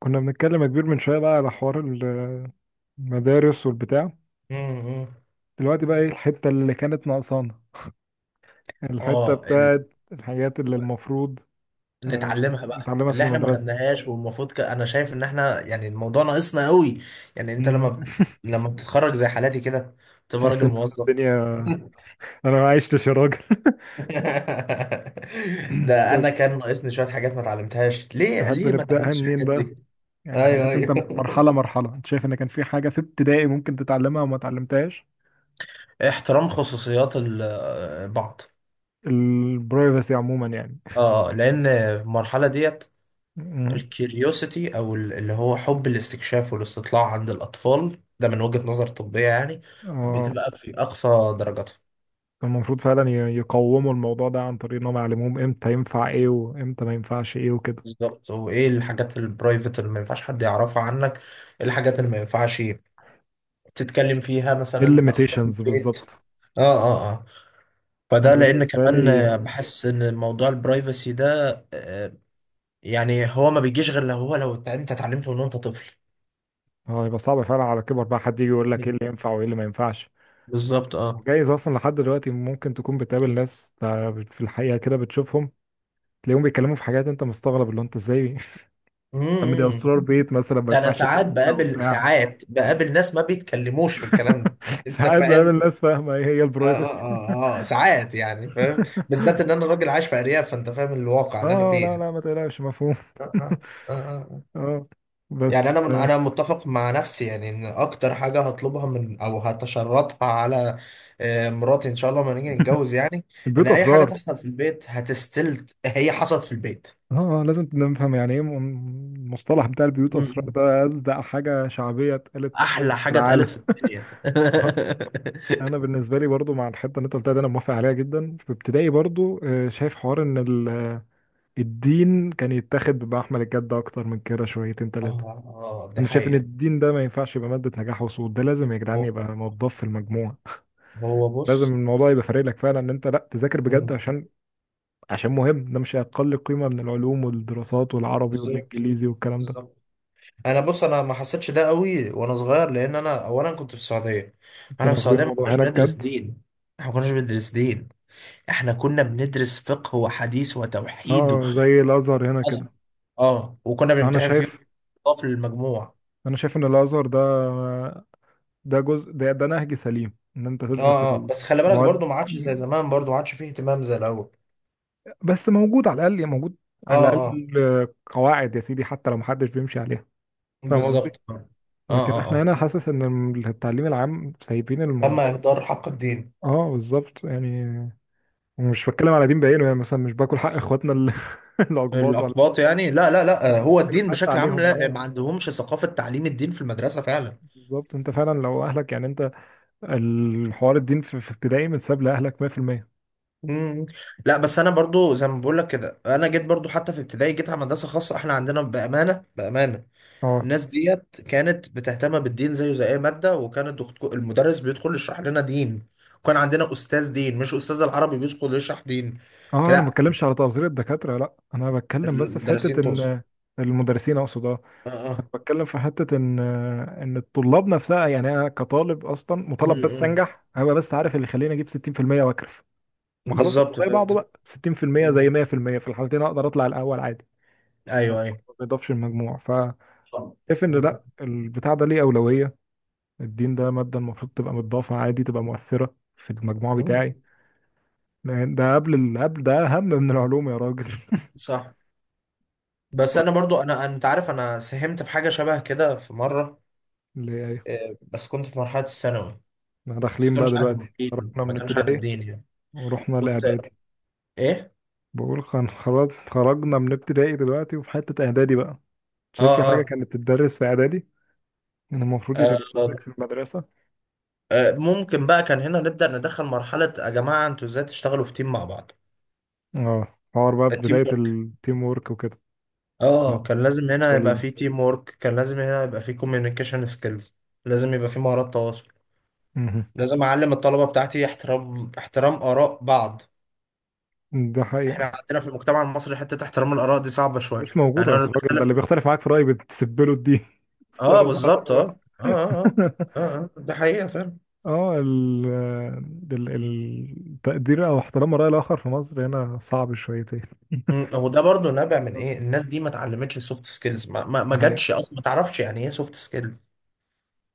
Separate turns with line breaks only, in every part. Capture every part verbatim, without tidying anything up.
كنا بنتكلم يا كبير من شوية بقى على حوار ال- المدارس والبتاع.
امم
دلوقتي بقى ايه الحتة اللي كانت ناقصانا، الحتة
اه ال...
بتاعت الحاجات اللي المفروض آه،
نتعلمها بقى
نتعلمها في
اللي احنا ما
المدرسة.
خدناهاش والمفروض ك... انا شايف ان احنا يعني الموضوع ناقصنا قوي. يعني انت لما
مم.
ب- لما بتتخرج زي حالاتي كده بتبقى
تحس
راجل
ان أنا
موظف.
الدنيا. انا ما عشتش يا راجل.
ده
طيب،
انا كان ناقصني شويه حاجات ما اتعلمتهاش. ليه
تحب
ليه ما
نبدأها
اتعلمتش
منين
الحاجات
بقى؟
دي؟
يعني
ايوه،
حاجات انت، مرحلة
ايوه.
مرحلة، انت شايف ان كان في حاجة في ابتدائي ممكن تتعلمها وما اتعلمتهاش.
احترام خصوصيات ال- آه، بعض.
البرايفسي عموما يعني.
اه، لان المرحله ديت
مم.
الكيوريوسيتي او ال- اللي هو حب الاستكشاف والاستطلاع عند الاطفال ده من وجهة نظر طبية يعني
اه،
بتبقى في اقصى درجاتها.
كان المفروض فعلا ي- يقوموا الموضوع ده عن طريق انهم يعلموهم امتى ينفع ايه وامتى ما ينفعش ايه وكده.
بالظبط. وايه الحاجات البرايفت اللي ما ينفعش حد يعرفها عنك، ايه الحاجات اللي ما ينفعش تتكلم فيها؟
ايه
مثلا اسرار
الليميتيشنز
البيت.
بالظبط.
اه، اه، اه،
انا
فده لان
بالنسبه
كمان
لي
آه، بحس ان موضوع البرايفسي ده آه، يعني هو ما بيجيش غير لو هو لو انت اتعلمته من وانت طفل.
اه، هيبقى صعب فعلا على كبر بقى حد يجي يقول لك ايه اللي ينفع وايه اللي ما ينفعش.
بالظبط، اه.
وجايز اصلا لحد دلوقتي ممكن تكون بتقابل ناس تع- في الحقيقه كده بتشوفهم، تلاقيهم بيتكلموا في حاجات انت مستغرب اللي هو انت ازاي. عم، دي
مم.
اسرار بيت مثلا ما
ده انا
ينفعش
ساعات
تقول كده
بقابل
وبتاع.
ساعات بقابل ناس ما بيتكلموش في الكلام ده. انت
ساعات بقابل
فاهم.
ناس فاهمه ايه هي
اه، اه،
البرايفسي.
اه، اه، آه، ساعات يعني فاهم. بالذات ان انا راجل عايش في ارياف، فانت فاهم الواقع اللي انا
اه، لا
فيه.
لا ما تقلقش مفهوم.
آه، آه، آه، آه. آه.
اه
يعني
بس.
انا من انا متفق مع نفسي يعني ان اكتر حاجه هطلبها من او هتشرطها على آه، مراتي ان شاء الله لما نيجي نتجوز يعني. ان
البيوت
اي حاجه
اسرار.
تحصل في البيت هتستلت، هي حصلت في البيت.
اه، آه، لازم نفهم يعني ايه م- المصطلح بتاع البيوت
م-
اسرار
م.
ده، ده حاجه شعبيه اتقالت
احلى
في
حاجه
العالم.
اتقالت في الدنيا.
انا بالنسبه لي برضو مع الحته اللي انت قلتها دي، انا موافق عليها جدا. في ابتدائي برضو آه، شايف حوار ان ال- الدين كان يتاخد بمحمل الجد اكتر من كده شويتين ثلاثه.
اه، اه، دي
انا شايف ان
حقيقة.
الدين ده ما ينفعش يبقى ماده نجاح وسقوط، ده لازم يا جدعان
هو
يبقى موضوع في المجموع.
هو
لازم
بص.
الموضوع يبقى فارق لك فعلا ان انت لا تذاكر بجد
مم.
عشان عشان مهم. ده مش اقل قيمه من العلوم والدراسات والعربي
بالظبط،
والانجليزي والكلام ده.
بالظبط. انا بص، انا ما حسيتش ده قوي وانا صغير، لان انا اولا كنت في السعوديه. احنا في
كانوا واخدين
السعوديه ما
الموضوع
كناش
هناك
بندرس
جد.
دين. احنا ما كناش بندرس دين. احنا كنا بندرس فقه وحديث وتوحيد و...
اه زي الازهر هنا
أصل-
كده.
اه، وكنا
انا
بنمتحن فيه
شايف
في المجموع.
انا شايف ان الازهر ده، ده جزء، ده، ده نهج سليم ان انت تدرس
اه، اه، بس خلي بالك برضو
المواد.
ما عادش زي زمان، برضو ما عادش فيه اهتمام زي الاول.
بس موجود، على الاقل موجود،
اه،
على
اه،
الاقل قواعد يا سيدي حتى لو محدش بيمشي عليها. فاهم قصدي.
بالظبط. اه،
لكن
اه، اه.
احنا
آه.
هنا حاسس ان التعليم العام سايبين
تم
الموضوع.
اهدار حق الدين.
اه بالظبط يعني. مش بتكلم على دين بعينه يعني، مثلا مش باكل حق اخواتنا ال- الاقباط ولا.
الأقباط يعني، لا لا لا آه، هو
بتكلم
الدين
حتى
بشكل عام،
عليهم
لا آه،
اه.
ما عندهمش ثقافة تعليم الدين في المدرسة فعلا.
بالظبط، انت فعلا لو اهلك يعني انت، الحوار الدين في في ابتدائي متساب لأهلك مية في المية.
مم. لا، بس أنا برضو زي ما بقول لك كده، أنا جيت برضو حتى في ابتدائي، جيت على مدرسة خاصة. إحنا عندنا بأمانة، بأمانة،
اه
الناس ديت كانت بتهتم بالدين زيه زي أي مادة، وكان الدكتور المدرس بيدخل يشرح لنا دين. وكان عندنا أستاذ دين مش أستاذ العربي بيدخل يشرح دين.
اه، انا ما
لا،
بتكلمش على تقصير الدكاترة، لا، انا بتكلم بس في حتة
المدرسين تقصد.
ان المدرسين اقصد اه.
اه،
أنا
اه.
بتكلم في حتة ان ان الطلاب نفسها، يعني انا كطالب اصلا
مم،
مطالب بس
مم.
انجح، هبقى بس عارف اللي يخليني اجيب ستين في المية واكرف. ما خلاص،
بالظبط،
زي بعضه
فهمت.
بقى، ستين في المية زي
مم.
مية في المية، في الحالتين اقدر اطلع الاول عادي. ما
ايوه، ايوه.
بيضافش المجموع، فشايف ان
مم.
لا، البتاع ده ليه اولوية. الدين ده مادة المفروض تبقى متضافة عادي، تبقى مؤثرة في المجموع
مم.
بتاعي. يعني ده قبل ال، قبل ده اهم من العلوم يا راجل.
صح. بس انا برضو، انا، انت عارف، انا ساهمت في حاجه شبه كده في مره.
ليه، ايوه،
آه، بس كنت في مرحله الثانوي.
احنا
بس
داخلين بقى
كانش عن
دلوقتي،
الدين،
خرجنا
ما
من
كانش عن
ابتدائي
الدين يعني.
ورحنا
كنت
الاعدادي.
ايه.
بقول خن- خرج خرجنا من ابتدائي دلوقتي، وفي حتة اعدادي بقى،
اه
شايف في حاجة
اه,
كانت تدرس في اعدادي، كان المفروض يدرسها لك
آه,
في المدرسة.
آه ممكن بقى كان هنا نبدا ندخل مرحله. يا جماعه، انتوا ازاي تشتغلوا في تيم مع بعض؟
اه حوار بقى
التيم
بداية
ورك.
التيم وورك وكده. اه
اه، كان لازم هنا يبقى
سليم.
في تيم ورك، كان لازم هنا يبقى في كوميونيكيشن سكيلز. لازم يبقى في مهارات تواصل.
مهم.
لازم اعلم الطلبه بتاعتي احترام احترام اراء بعض.
ده
احنا
حقيقة.
عندنا في المجتمع المصري حتة احترام الآراء دي صعبة شوية،
مش موجودة
يعني
يا
انا
أستاذ. الراجل ده
بختلف.
اللي بيختلف معاك في رأيي بتسبله الدين.
اه،
استغفر الله
بالظبط.
العظيم،
اه، اه،
يا
اه،
رب.
اه، اه. آه. ده حقيقة فعلا.
اه ال ال- ال- التقدير او احترام الرأي الآخر في مصر هنا صعب شويتين.
مم. هو ده برضو نابع من ايه؟ الناس دي ما اتعلمتش السوفت سكيلز، ما ما,
ده
ما
حقيقة،
جاتش اصلا، ما تعرفش يعني ايه سوفت سكيلز.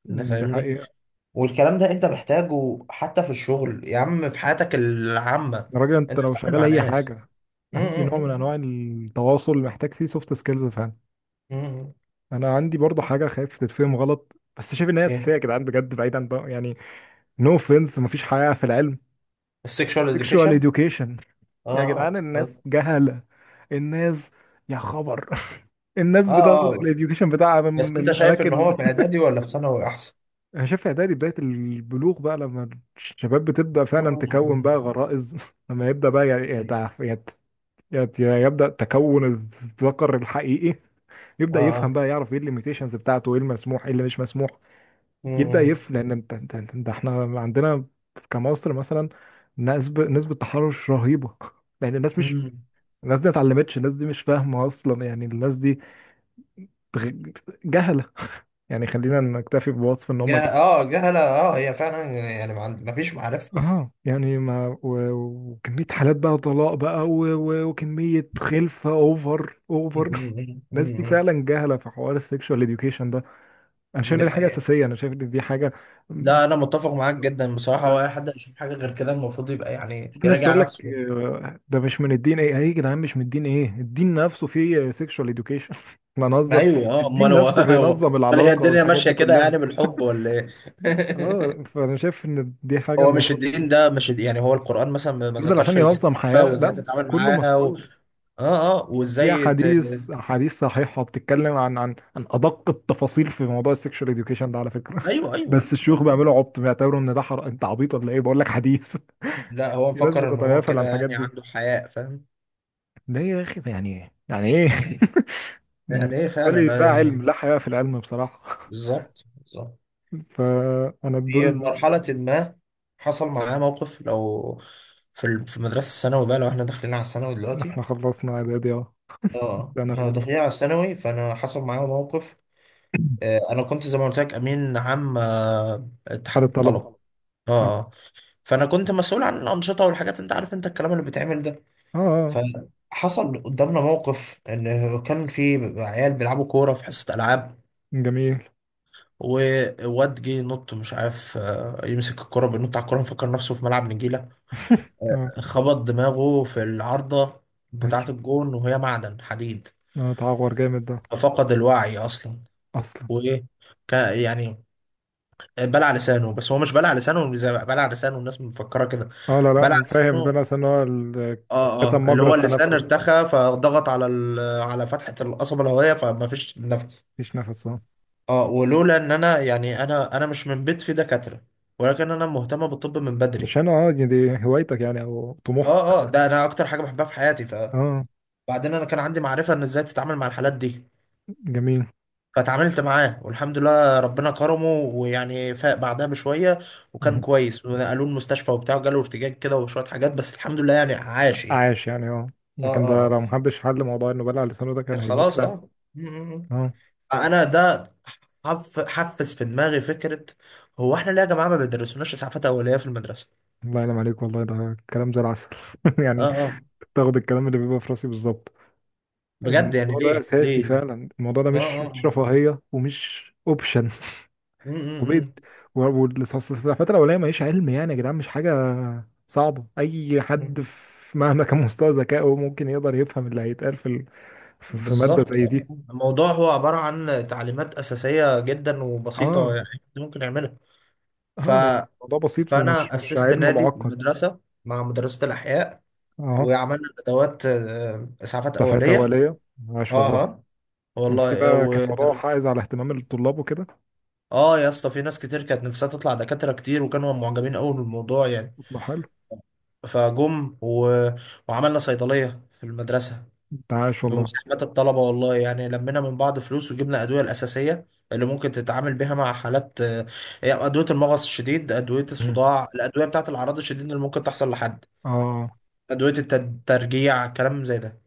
انت
ده
فاهمني.
حقيقة.
والكلام ده انت محتاجه حتى في الشغل يا عم، في حياتك العامة.
يا راجل انت
انت
لو
بتتعامل
شغال
مع
اي
ناس.
حاجة،
مم،
اي نوع من
مم،
انواع التواصل محتاج فيه سوفت سكيلز فعلا.
مم، مم.
انا عندي برضو حاجة خايف تتفهم غلط، بس شايف ان هي اساسية
ايه،
يا جدعان بجد، بعيدا بقى يعني، نو اوفنس، مفيش حقيقة في العلم.
السكشوال
sexual
اديوكيشن.
education.
اه،
يا جدعان
اه،
الناس
اه،
جهلة. الناس، يا خبر. الناس
اه.
بتاخد
آه.
الاديوكيشن بتاعها من
بس انت
من
شايف ان
اماكن.
هو في اعدادي ولا في ثانوي؟
انا شايف يا دادي بدايه البلوغ بقى، لما الشباب بتبدا فعلا
احسن.
تكون بقى غرائز، لما يبدا بقى ي-
أيوة.
يتع- يت- يت- يبدا تكون الذكر الحقيقي،
اه،
يبدا
اه.
يفهم بقى، يعرف ايه الليميتيشنز بتاعته، ايه المسموح ايه اللي مش مسموح. يبدا
مم،
يف، لان انت انت انت ده، احنا عندنا كمصر مثلا نسبه نسبه تحرش رهيبه. لان الناس مش،
مم،
الناس دي ما اتعلمتش، الناس دي مش فاهمه اصلا يعني، الناس دي بغ- جهله. يعني خلينا
مم.
نكتفي بوصف ان
جه...
هم
اه جهلة. اه، هي فعلا يعني، ما عند... ما فيش معرفة.
اه يعني. ما و- وكمية حالات بقى طلاق بقى، و- و- وكمية خلفة اوفر
مم،
اوفر.
مم،
الناس
مم،
دي
مم.
فعلا جاهلة في حوار السكشوال اديوكيشن ده. انا شايف
دي
ان دي حاجة
حقيقة.
اساسية انا شايف ان دي حاجة م-
لا، انا متفق معاك جدا بصراحة. هو اي حد يشوف حاجة غير كده المفروض يبقى يعني
في ناس تقول
يراجع
لك
نفسه.
آه، ده مش من الدين. ايه يا جدعان مش من الدين؟ ايه، الدين نفسه فيه سكشوال اديوكيشن. احنا نهزر.
ايوه، اه،
الدين
امال هو
نفسه
هو-
بينظم
امال هي
العلاقة
الدنيا
والحاجات
ماشية
دي
كده يعني
كلها.
بالحب ولا ايه؟
اه، فانا شايف ان دي حاجة
هو مش
المفروض.
الدين ده مش الد- يعني هو القرآن مثلا ما ما
نزل عشان
ذكرش الجنة
ينظم حياة،
وازاي
لا
تتعامل
كله
معاها و...
مذكور.
اه، اه،
في
وازاي ت...
احاديث، احاديث صحيحه بتتكلم عن عن عن ادق التفاصيل في موضوع السكشوال اديوكيشن ده على فكره.
ايوه، ايوه.
بس الشيوخ بيعملوا عبط، بيعتبروا ان ده حر، انت عبيط ولا ايه، بقول لك حديث.
لا، هو
في ناس
مفكر ان هو
بتتغافل عن
كده
الحاجات
يعني
دي.
عنده حياء، فاهم.
ده يا اخي يعني ايه؟ يعني ايه؟ أنا
يعني ايه
بالنسبه لي
فعلا آه،
ده علم،
يعني.
لا حياء في العلم بصراحه.
بالظبط، بالظبط.
فانا دول
في
ال.
مرحلة ما، حصل معاه موقف. لو في ال- في المدرسة الثانوي بقى، لو احنا داخلين على الثانوي دلوقتي.
احنا خلصنا اعدادي اه.
اه، احنا
انا
داخلين على الثانوي، فانا حصل معايا موقف. آه، انا كنت زي ما قلت لك امين عام آه،
حال
اتحاد الطلبة.
الطلبه.
اه.
اه
آه. فانا كنت مسؤول عن الانشطه والحاجات، انت عارف انت الكلام اللي بيتعمل ده.
اه.
فحصل قدامنا موقف، ان كان في عيال بيلعبوا كوره في حصه العاب.
جميل.
وواد جه ينط، مش عارف آه، يمسك الكرة، بينط على الكرة مفكر نفسه في ملعب نجيلة.
اه.
خبط دماغه في العارضة
أي.
بتاعة الجون، وهي معدن حديد.
اه تعور جامد ده.
ففقد الوعي أصلا.
اصلا.
وإيه، كان- يعني بلع لسانه. بس هو مش بلع لسانه زي ما بلع لسانه الناس مفكرة كده.
اه لا
بلع
لا، فاهم، بين،
لسانه.
اصلا هو ال-
اه، اه،
كتم
اللي
مجرى
هو اللسان
التنفس،
ارتخى، فضغط على ال- على فتحة القصبة الهوائية، فما فيش نفس.
مفيش نفس اه.
اه، ولولا ان انا يعني، انا انا مش من بيت فيه دكاترة، ولكن انا مهتمة بالطب من بدري.
عشان اه، دي دي هوايتك يعني او
اه،
طموحك.
اه، ده انا اكتر حاجه بحبها في حياتي.
اه.
فبعدين انا كان عندي معرفه ان ازاي تتعامل مع الحالات دي.
جميل.
فاتعاملت معاه، والحمد لله ربنا كرمه، ويعني فاق بعدها بشويه. وكان
مهم.
كويس ونقلوه المستشفى وبتاع، وجاله ارتجاج كده وشويه حاجات، بس الحمد لله يعني عاش يعني.
عاش يعني اه.
اه،
لكن
اه،
ده لو
اه،
محدش حل موضوع انه بلع لسانه ده كان
كان
هيموت
خلاص،
فعلا.
اه. م- م- م.
اه.
انا ده حف- حفز في دماغي فكره. هو احنا ليه يا جماعه ما بيدرسوناش اسعافات اوليه في المدرسه؟
الله ينعم عليك والله، ده كلام زي العسل.
اه،
يعني
اه،
تاخد الكلام اللي بيبقى في راسي بالظبط.
بجد يعني،
الموضوع ده
ليه
اساسي
ليه ليه؟
فعلا، الموضوع ده
اه،
مش
اه.
مش
آه.
رفاهية ومش اوبشن.
م-
وبيت.
م-
والفترة الأولانية ماليش علم، يعني يا جدعان مش حاجة صعبة، أي حد
م.
في مهما كان مستوى ذكائه ممكن يقدر يفهم اللي هيتقال في ال- في في مادة
بالظبط.
زي
آه.
دي.
الموضوع هو عبارة عن تعليمات أساسية جدا وبسيطة
اه
يعني، أنت ممكن يعملها. ف...
اه، لأن الموضوع بسيط ومش،
فأنا
مش
أسست
علم
نادي في
معقد.
المدرسة مع مدرسة الأحياء.
اه.
وعملنا أدوات آه، إسعافات
سفاتة
أولية.
أولية. عاش
أه.
والله.
آه.
كان في
والله آه،
بقى، كان
و...
موضوع حائز على اهتمام الطلاب وكده.
اه يا اسطى، في ناس كتير كانت نفسها تطلع دكاترة كتير، وكانوا معجبين قوي بالموضوع يعني.
ده حلو.
فجم و... وعملنا صيدلية في المدرسة.
ده عاش والله.
بمساهمة الطلبة، والله يعني لمينا من بعض فلوس وجبنا الأدوية الأساسية اللي ممكن تتعامل بيها مع حالات آه، أدوية المغص الشديد، أدوية
مم.
الصداع، الأدوية بتاعة الأعراض الشديدة اللي ممكن تحصل لحد،
اه
أدوية الترجيع كلام زي ده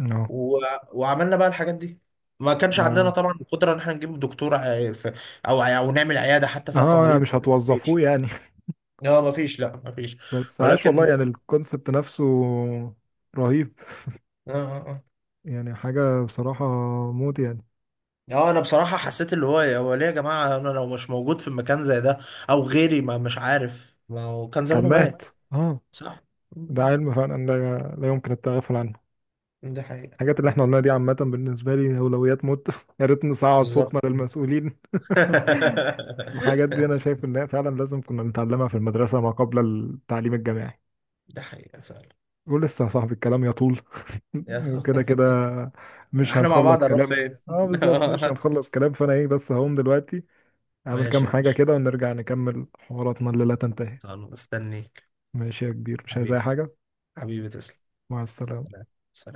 اه،
و... وعملنا بقى الحاجات دي. ما كانش عندنا
ده،
طبعا القدرة إن احنا نجيب دكتور آه، ف- أو أو نعمل عيادة حتى فيها
اه يعني
تمريض.
مش
مفيش،
هتوظفوه يعني.
لا مفيش، لا مفيش.
بس عاش والله
ولكن.
يعني، الكونسبت نفسه رهيب.
آه، آه، آه.
يعني حاجة بصراحة موت يعني.
اه، انا بصراحة حسيت اللي هو هو ليه يا جماعة. انا لو مش موجود في مكان زي ده او غيري، ما مش عارف، ما هو كان
كان
زمانه مات.
مات اه.
صح.
ده
م-
علم فعلا لا، لا يمكن التغافل عنه.
ده حقيقة.
الحاجات اللي احنا قلناها دي عامة بالنسبة لي أولويات موت. يا ريت نصعد
بالظبط.
صوتنا للمسؤولين. الحاجات دي أنا شايف إنها فعلا لازم كنا نتعلمها في المدرسة ما قبل التعليم الجامعي.
ده حقيقة فعلا.
ولسه يا صاحبي الكلام يطول. وكده كده مش
احنا مع بعض
هنخلص
هنروح
كلام.
فين؟
اه بالظبط مش هنخلص كلام، فأنا ايه بس، هقوم دلوقتي أعمل كام
ماشي يا
حاجة
باشا.
كده ونرجع نكمل حواراتنا اللي لا تنتهي.
خلاص، مستنيك.
ماشي يا كبير، مش عايز أي
حبيبي،
حاجة.
حبيبي تسلم.
مع السلامة.
سلام. سلام.